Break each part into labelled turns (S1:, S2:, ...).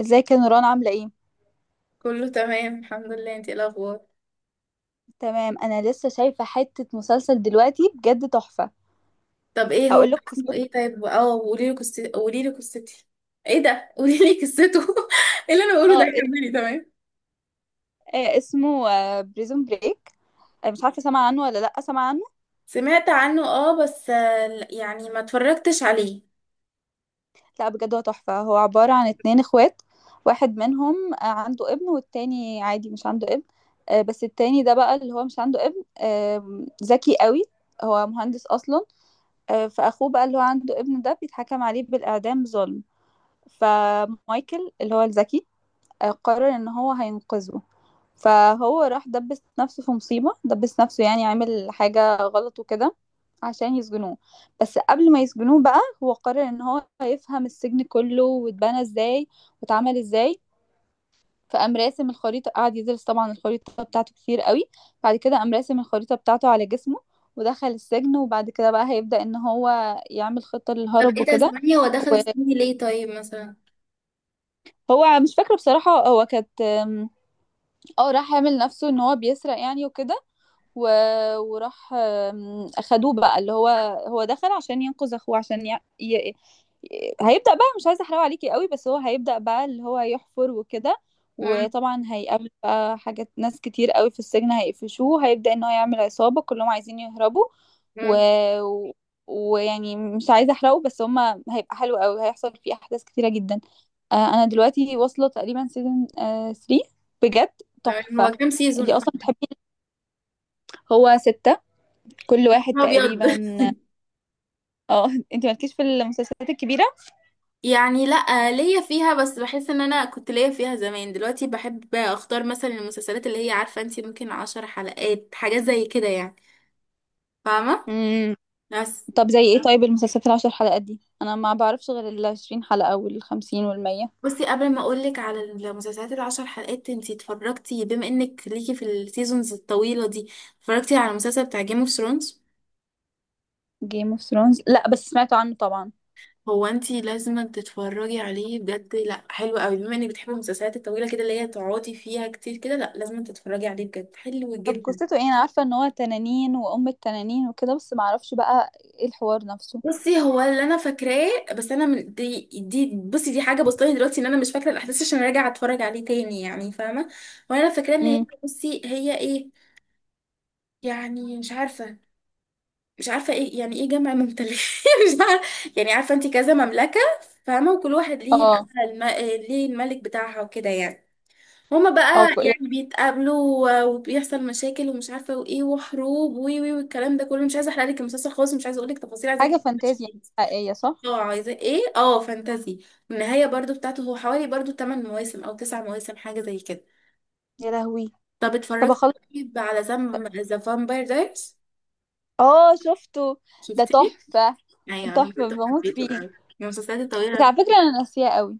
S1: ازيك يا نوران عاملة ايه؟
S2: كله تمام الحمد لله. انتي ايه الاخبار؟
S1: تمام، انا لسه شايفة حتة مسلسل دلوقتي بجد تحفة.
S2: طب ايه هو
S1: اقول لك
S2: اسمه؟
S1: قصته.
S2: ايه طيب قولي لي قصتي، قولي لي قصتي ايه ده؟ قولي لي قصته. ايه اللي انا بقوله ده؟
S1: اه.
S2: كملي، تمام.
S1: اسمه بريزون بريك. مش عارفة سامعة عنه ولا لا سامعة عنه.
S2: سمعت عنه، اه، بس لا، يعني ما اتفرجتش عليه.
S1: لا بجد هو تحفة، هو عبارة عن اتنين اخوات. واحد منهم عنده ابن والتاني عادي مش عنده ابن. بس التاني ده بقى اللي هو مش عنده ابن ذكي قوي، هو مهندس اصلا. فاخوه بقى اللي هو عنده ابن ده بيتحكم عليه بالاعدام ظلم. فمايكل اللي هو الذكي قرر ان هو هينقذه. فهو راح دبس نفسه في مصيبة، دبس نفسه يعني عامل حاجة غلط وكده عشان يسجنوه. بس قبل ما يسجنوه بقى هو قرر ان هو هيفهم السجن كله واتبنى ازاي واتعمل ازاي. فقام راسم الخريطة، قعد يدرس طبعا الخريطة بتاعته كتير قوي. بعد كده قام راسم الخريطة بتاعته على جسمه ودخل السجن. وبعد كده بقى هيبدأ ان هو يعمل خطة
S2: طب
S1: للهرب
S2: ايه ده
S1: وكده.
S2: 8؟ هو دخل السن ليه طيب مثلا؟
S1: وهو مش فاكرة بصراحة، هو كانت اه راح يعمل نفسه ان هو بيسرق يعني وكده. و... وراح اخدوه بقى اللي هو، هو دخل عشان ينقذ اخوه عشان هيبدأ بقى، مش عايزة احرقه عليكي قوي، بس هو هيبدأ بقى اللي هو يحفر وكده.
S2: امم.
S1: وطبعا هيقابل بقى حاجات، ناس كتير قوي في السجن هيقفشوه، هيبدأ ان هو يعمل عصابة كلهم عايزين يهربوا. و...
S2: امم.
S1: و- ويعني مش عايزة احرقه، بس هما هيبقى حلو قوي، هيحصل فيه احداث كتيرة جدا. انا دلوقتي واصلة تقريبا سيزون 3. بجد
S2: تمام. هو
S1: تحفة.
S2: كام سيزون
S1: انتي اصلا
S2: اصلا؟
S1: بتحبي. هو ستة، كل واحد
S2: يا ابيض!
S1: تقريبا. اه. انت مالكيش في المسلسلات الكبيرة.
S2: يعني لا، ليا فيها بس بحس ان انا كنت ليا فيها زمان. دلوقتي بحب اختار مثلا المسلسلات اللي هي عارفه انتي ممكن عشر حلقات، حاجات زي كده يعني. فاهمه؟
S1: امم.
S2: بس.
S1: طب زي ايه طيب؟ المسلسلات العشر حلقات دي انا ما بعرفش غير العشرين حلقة والخمسين والمية.
S2: بصي، قبل ما اقولك على المسلسلات العشر حلقات، انتي اتفرجتي، بما انك ليكي في السيزونز الطويلة دي، اتفرجتي على المسلسل بتاع جيم اوف ثرونز؟
S1: جيم اوف ثرونز لا بس سمعت عنه طبعا.
S2: هو انتي لازم تتفرجي عليه بجد، لا حلو قوي. بما انك بتحبي المسلسلات الطويلة كده اللي هي تقعدي فيها كتير كده، لا لازم تتفرجي عليه بجد، حلو
S1: طب
S2: جدا.
S1: قصته ايه؟ انا عارفة ان هو تنانين وام التنانين وكده بس ما اعرفش بقى ايه الحوار نفسه.
S2: بصي، هو اللي انا فاكراه، بس انا من دي بصي، دي حاجه بسطاني دلوقتي ان انا مش فاكره الاحداث، عشان راجعه اتفرج عليه تاني، يعني فاهمه. وانا فاكراه ان هي،
S1: امم.
S2: بصي هي ايه؟ يعني مش عارفه ايه يعني، ايه جمع ممتلكات؟ مش عارفه. يعني عارفه انت كذا مملكه، فاهمه، وكل واحد ليه
S1: اه.
S2: بقى ليه الملك بتاعها وكده يعني. هما
S1: اه
S2: بقى
S1: يعني.
S2: يعني بيتقابلوا، وبيحصل مشاكل ومش عارفه وايه، وحروب، وي وي والكلام ده كله. مش عايزه احرق لك المسلسل خالص، مش عايزه اقول لك تفاصيل.
S1: حاجة
S2: عايزاك.
S1: فانتازيا حقيقية صح؟
S2: اه، عايزه ايه؟ اه فانتازي. والنهايه برضو بتاعته هو حوالي برضو 8 مواسم او 9 مواسم، حاجه زي كده.
S1: يا لهوي.
S2: طب
S1: طب
S2: اتفرجت
S1: اخلص.
S2: طيب على زم ذا فامباير دايرز؟
S1: اه شفته. ده
S2: شفتيه؟
S1: تحفة.
S2: ايوه انا
S1: تحفة
S2: برضه
S1: بموت
S2: حبيته
S1: فيه.
S2: قوي، من المسلسلات الطويله
S1: بس
S2: على
S1: على فكرة
S2: فكرة.
S1: انا ناسياه قوي.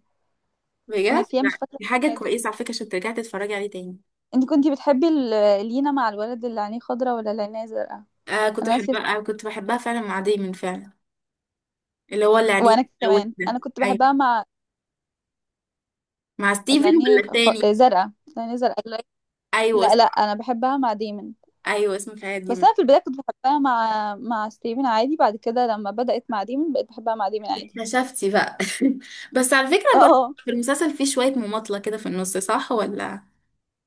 S1: انا
S2: بجد
S1: ناسياه
S2: لا،
S1: مش فاكرة
S2: دي حاجه
S1: حاجة.
S2: كويسه على فكره، عشان ترجعي تتفرجي عليه تاني.
S1: انت كنتي بتحبي لينا مع الولد اللي عينيه خضرا ولا اللي عينيه زرقاء؟
S2: آه كنت
S1: انا ناسيه.
S2: بحبها، فعلا مع دايمون، فعلا. اللي هو اللي عليه
S1: وانا
S2: قوي
S1: كمان
S2: ده.
S1: انا كنت بحبها
S2: ايوه.
S1: مع
S2: مع
S1: اللي
S2: ستيفن
S1: عينيه
S2: ولا
S1: خ...
S2: التاني؟
S1: آه، زرقاء، اللي عينيه زرقاء
S2: ايوه
S1: لا لا،
S2: اسمه،
S1: انا بحبها مع ديمن.
S2: في حياتي
S1: بس
S2: دايمون.
S1: انا في البدايه كنت بحبها مع ستيفن عادي، بعد كده لما بدات مع ديمن بقيت بحبها مع ديمن عادي.
S2: اكتشفتي بقى. بس على فكره برضه
S1: اه.
S2: في المسلسل فيه شويه مماطله كده في النص، صح ولا؟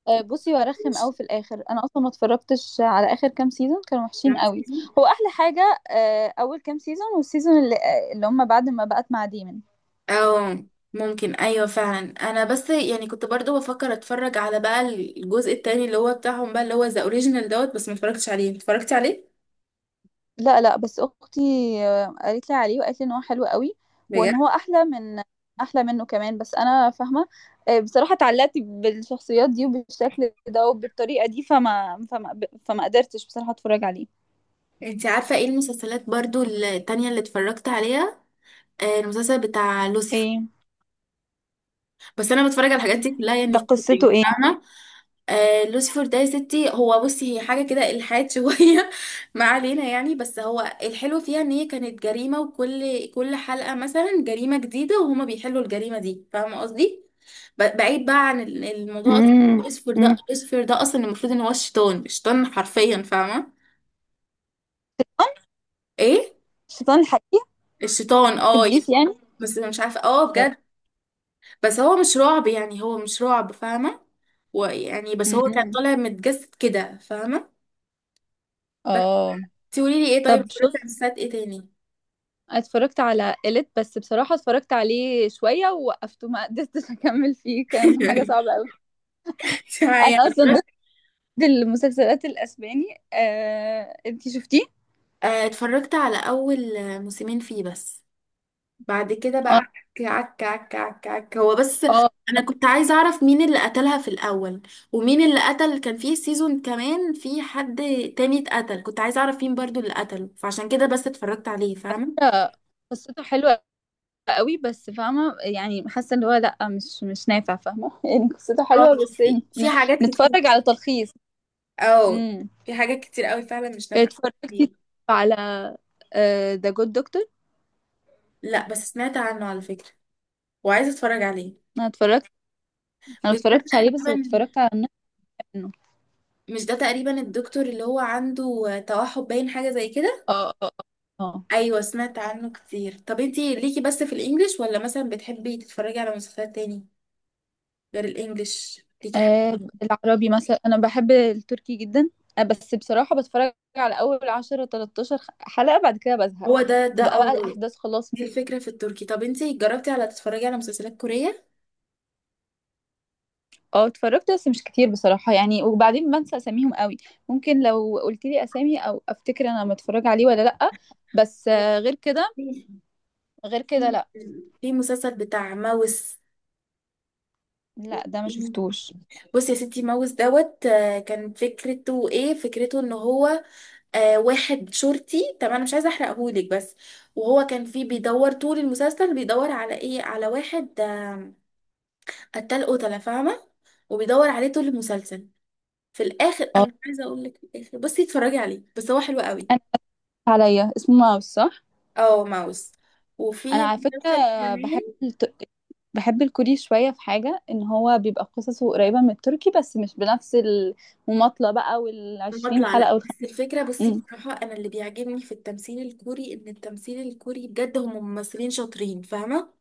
S1: بصي وارخم قوي في الاخر، انا اصلا ما اتفرجتش على اخر كام سيزون كانوا وحشين قوي.
S2: مش
S1: هو احلى حاجه اول كام سيزون والسيزون اللي هم بعد ما بقت مع ديمن.
S2: او، ممكن ايوه فعلا. انا بس يعني كنت برضو بفكر اتفرج على بقى الجزء التاني اللي هو بتاعهم بقى، اللي هو ذا اوريجينال دوت، بس ما اتفرجتش عليه اتفرجت عليه.
S1: لا لا، بس اختي قالت لي عليه وقالت لي ان هو حلو قوي وان
S2: بجد؟
S1: هو احلى من احلى منه كمان. بس انا فاهمه. بصراحه اتعلقت بالشخصيات دي وبالشكل ده وبالطريقه دي فما قدرتش بصراحه اتفرج عليه.
S2: انت عارفه ايه المسلسلات برضو التانية اللي اتفرجت عليها؟ المسلسل بتاع لوسيفر.
S1: ايه
S2: بس انا بتفرج على الحاجات دي كلها يعني
S1: ده؟ قصته
S2: كتير،
S1: ايه؟
S2: فاهمه. لوسيفر ده يا ستي هو، بصي هي حاجه كده الحاد شويه. ما علينا يعني، بس هو الحلو فيها ان هي كانت جريمه، وكل حلقه مثلا جريمه جديده، وهما بيحلوا الجريمه دي، فاهمه قصدي. بعيد بقى عن الموضوع أصلاً.
S1: امم.
S2: لوسيفر ده
S1: امم.
S2: لوسيفر ده اصلا المفروض ان هو الشيطان، الشيطان حرفيا، فاهمه. ايه؟
S1: الشيطان الحقيقي.
S2: الشيطان، اه
S1: ابليس
S2: يعني.
S1: يعني.
S2: بس مش عارفه،
S1: لا، لا.
S2: بجد. بس هو مش رعب، يعني هو مش رعب، فاهمة. ويعني بس هو كان
S1: امم.
S2: طالع متجسد كده، فاهمة. بس
S1: اه.
S2: تقولي لي ايه؟ طيب
S1: طب
S2: اتفرجت
S1: شوف،
S2: على مسلسلات ايه تاني؟
S1: اتفرجت على إليت بس بصراحة اتفرجت عليه شوية ووقفته، ما قدرتش أكمل فيه، كان حاجة صعبة أوي. أنا
S2: معايا اتفرجت.
S1: أصلا المسلسلات الاسباني انتي شفتيه؟
S2: اتفرجت على اول موسمين فيه بس. بعد كده بقى
S1: اه
S2: عك عك عك عك عك هو بس.
S1: اه.
S2: انا كنت عايزة اعرف مين اللي قتلها في الاول، ومين اللي قتل. كان فيه سيزون كمان في حد تاني اتقتل، كنت عايزة اعرف مين برضو اللي قتله، فعشان كده بس اتفرجت عليه، فاهمة.
S1: لا، قصته حلوة قوي بس فاهمة يعني، حاسة ان هو لا مش نافع فاهمة. يعني قصته
S2: اه،
S1: حلوة بس.
S2: في
S1: ن-
S2: في حاجات كتير.
S1: نتفرج على تلخيص.
S2: اه،
S1: امم.
S2: في حاجات كتير قوي فعلا مش نافعة.
S1: اتفرجت على ذا جود دكتور.
S2: لا بس سمعت عنه على فكرة، وعايزة اتفرج عليه.
S1: انا اتفرجت. انا ما
S2: مش ده
S1: اتفرجتش عليه بس
S2: تقريبا،
S1: اتفرجت على النص منه.
S2: الدكتور اللي هو عنده توحد باين، حاجة زي كده؟
S1: اه اه. اه.
S2: ايوه سمعت عنه كتير. طب انتي ليكي بس في الانجليش، ولا مثلا بتحبي تتفرجي على مسلسلات تاني غير الانجليش؟ ليكي حاجة؟
S1: العربي مثلا انا بحب التركي جدا. آه بس بصراحة بتفرج على اول 10 13 حلقة بعد كده بزهق.
S2: هو ده
S1: تبقى
S2: اه.
S1: بقى الاحداث خلاص.
S2: دي الفكرة في التركي. طب انتي جربتي على تتفرجي على مسلسلات كورية؟
S1: اه اتفرجت بس مش كتير بصراحة يعني، وبعدين بنسى اساميهم قوي. ممكن لو قلت لي اسامي او افتكر انا متفرج عليه ولا لا. بس آه غير كده، غير كده لا.
S2: في مسلسل بتاع ماوس.
S1: لا ده ما شفتوش.
S2: بصي يا ستي، ماوس دوت، كان فكرته ايه؟ فكرته ان هو واحد شرطي، طبعا انا مش عايزه احرقهولك، بس وهو كان فيه بيدور طول المسلسل، بيدور على ايه؟ على واحد قتال قتله، فاهمه، وبيدور عليه طول المسلسل. في الاخر انا
S1: اه
S2: مش عايزه اقول لك، في الاخر بصي اتفرجي عليه، بس هو حلو قوي.
S1: انا آسف عليا، اسمه ماوس صح.
S2: اه، ماوس. وفي
S1: انا على فكرة
S2: مسلسل
S1: بحب
S2: كمان.
S1: الكوري شوية، في حاجة ان هو بيبقى قصصه قريبة من التركي بس مش بنفس المماطلة بقى والعشرين
S2: بطلع،
S1: حلقة
S2: لا، بس الفكره بصي
S1: مم.
S2: بصراحه، انا اللي بيعجبني في التمثيل الكوري ان التمثيل الكوري بجد هم ممثلين شاطرين، فاهمه.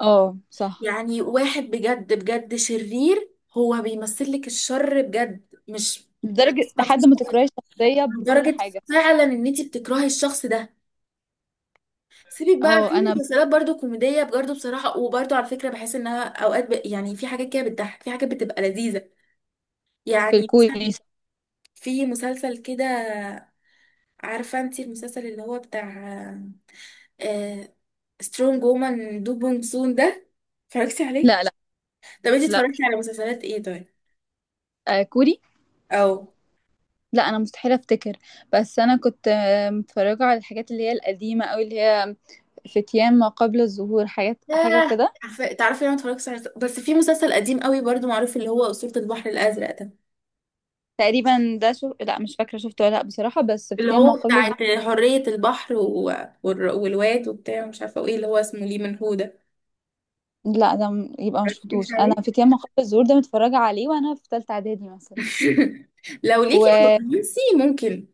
S1: اه صح.
S2: يعني واحد بجد بجد شرير، هو بيمثل لك الشر بجد. مش،
S1: لدرجة
S2: مفيش
S1: لحد ما
S2: غير-
S1: تكرهي الشخصية بكل
S2: لدرجة
S1: حاجة.
S2: فعلا ان انت بتكرهي الشخص ده. سيبك بقى، في
S1: اه، انا
S2: مسلسلات برضو كوميدية برضو بصراحة، وبرضو على فكرة بحس انها اوقات يعني في حاجات كده بتضحك، في حاجات بتبقى لذيذة.
S1: في
S2: يعني مثلا
S1: الكوري.
S2: في مسلسل كده، عارفة انت المسلسل اللي هو بتاع آه... سترونج وومن دو بونج سون ده؟ اتفرجتي عليه؟
S1: لا لا
S2: طب انت
S1: لا.
S2: اتفرجتي على مسلسلات ايه طيب؟
S1: آه كوري.
S2: او
S1: لا انا مستحيل افتكر. بس انا كنت متفرجة على الحاجات اللي هي القديمة او اللي هي فتيان ما قبل الظهور، حاجات حاجة
S2: ياه.
S1: كده.
S2: عارفه، تعرفي انا ما اتفرجتش على، بس في مسلسل قديم قوي برضو معروف اللي هو أسطورة البحر الأزرق ده،
S1: تقريبا ده شو، لا مش فاكرة شفته ولا لا بصراحة. بس
S2: اللي
S1: فتيان ما
S2: هو
S1: قبل الظهور،
S2: بتاعت حرية البحر والواد وبتاع مش عارفه وايه، اللي هو اسمه ليه من هو ده.
S1: لا ده يبقى ما
S2: مش
S1: شفتوش. انا
S2: عليك.
S1: في ياما خط الزهور ده متفرجه عليه وانا في ثالثه اعدادي مثلا.
S2: لو ليكي في
S1: وليا
S2: الرومانسي ممكن.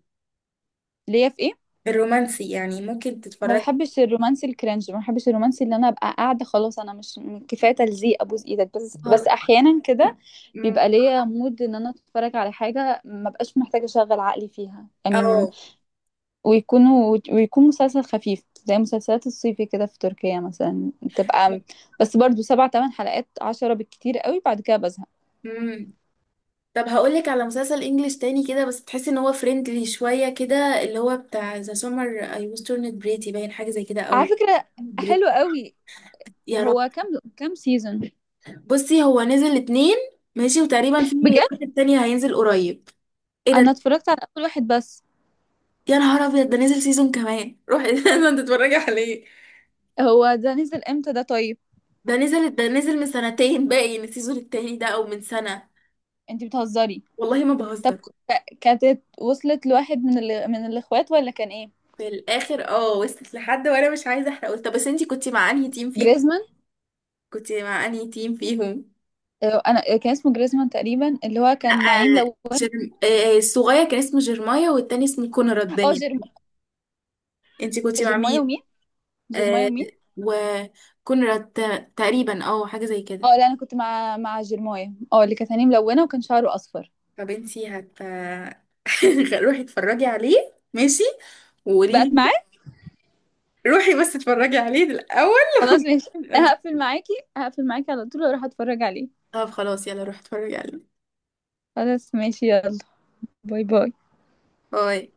S1: في ايه؟
S2: الرومانسي يعني ممكن
S1: ما
S2: تتفرجي.
S1: بحبش الرومانسي الكرنج، ما بحبش الرومانسي اللي انا ابقى قاعده خلاص انا مش، كفايه تلزيق ابوس ايدك. بس بس
S2: خالص.
S1: احيانا كده
S2: مم.
S1: بيبقى ليا مود ان انا اتفرج على حاجه ما بقاش محتاجه اشغل عقلي فيها يعني
S2: اه.
S1: ويكون مسلسل خفيف زي مسلسلات الصيفي كده في تركيا مثلا بتبقى بس برضو 7 8 حلقات 10 بالكتير قوي بعد كده بزهق.
S2: امم. طب هقولك على مسلسل انجليش تاني كده، بس تحسي ان هو فريندلي شويه كده. اللي هو بتاع ذا سمر اي واز تورنت بريتي، باين حاجه زي كده
S1: على
S2: او
S1: فكره
S2: بريت.
S1: حلو قوي.
S2: يا،
S1: هو كام سيزون؟
S2: بصي هو نزل اتنين ماشي، وتقريبا في
S1: بجد
S2: واحد تاني هينزل قريب. ايه
S1: انا
S2: ده؟
S1: اتفرجت على اول واحد بس.
S2: يا نهار ابيض، ده نزل سيزون كمان، روحي. لازم تتفرجي عليه.
S1: هو ده نزل امتى ده طيب؟
S2: ده نزل من سنتين باين، السيزون التاني ده، او من سنة.
S1: انتي بتهزري.
S2: والله ما
S1: طب
S2: بهزر.
S1: كانت وصلت لواحد من من الاخوات ولا كان ايه؟
S2: في الاخر اه وصلت لحد، وانا مش عايزه احرق. طب بس انتي كنتي مع انهي تيم فيه
S1: جريزمان.
S2: كنتي مع انهي تيم فيهم؟
S1: انا كان اسمه جريزمان تقريبا اللي هو
S2: لا
S1: كان نعيم لون.
S2: جرم... آه، الصغير كان اسمه جيرمايا، والتاني اسمه كونراد
S1: اه
S2: باين. انتي كنتي مع
S1: جيرمايا
S2: مين؟
S1: ومين؟ جيرمايا
S2: آه،
S1: ومين؟
S2: وكونراد تقريبا، اه حاجه زي
S1: اه
S2: كده.
S1: لا، انا كنت مع جيرمايا، اه اللي كانت عينيه ملونه وكان شعره اصفر.
S2: طب انتي روحي اتفرجي عليه ماشي،
S1: بقت
S2: وقولي
S1: معاه.
S2: لي. روحي بس اتفرجي عليه الاول.
S1: خلاص ماشي، هقفل معاكي، هقفل معاكي على طول واروح اتفرج عليه.
S2: طب خلاص يلا روحي اتفرجي عليه.
S1: خلاص ماشي يلا. باي باي.
S2: باي.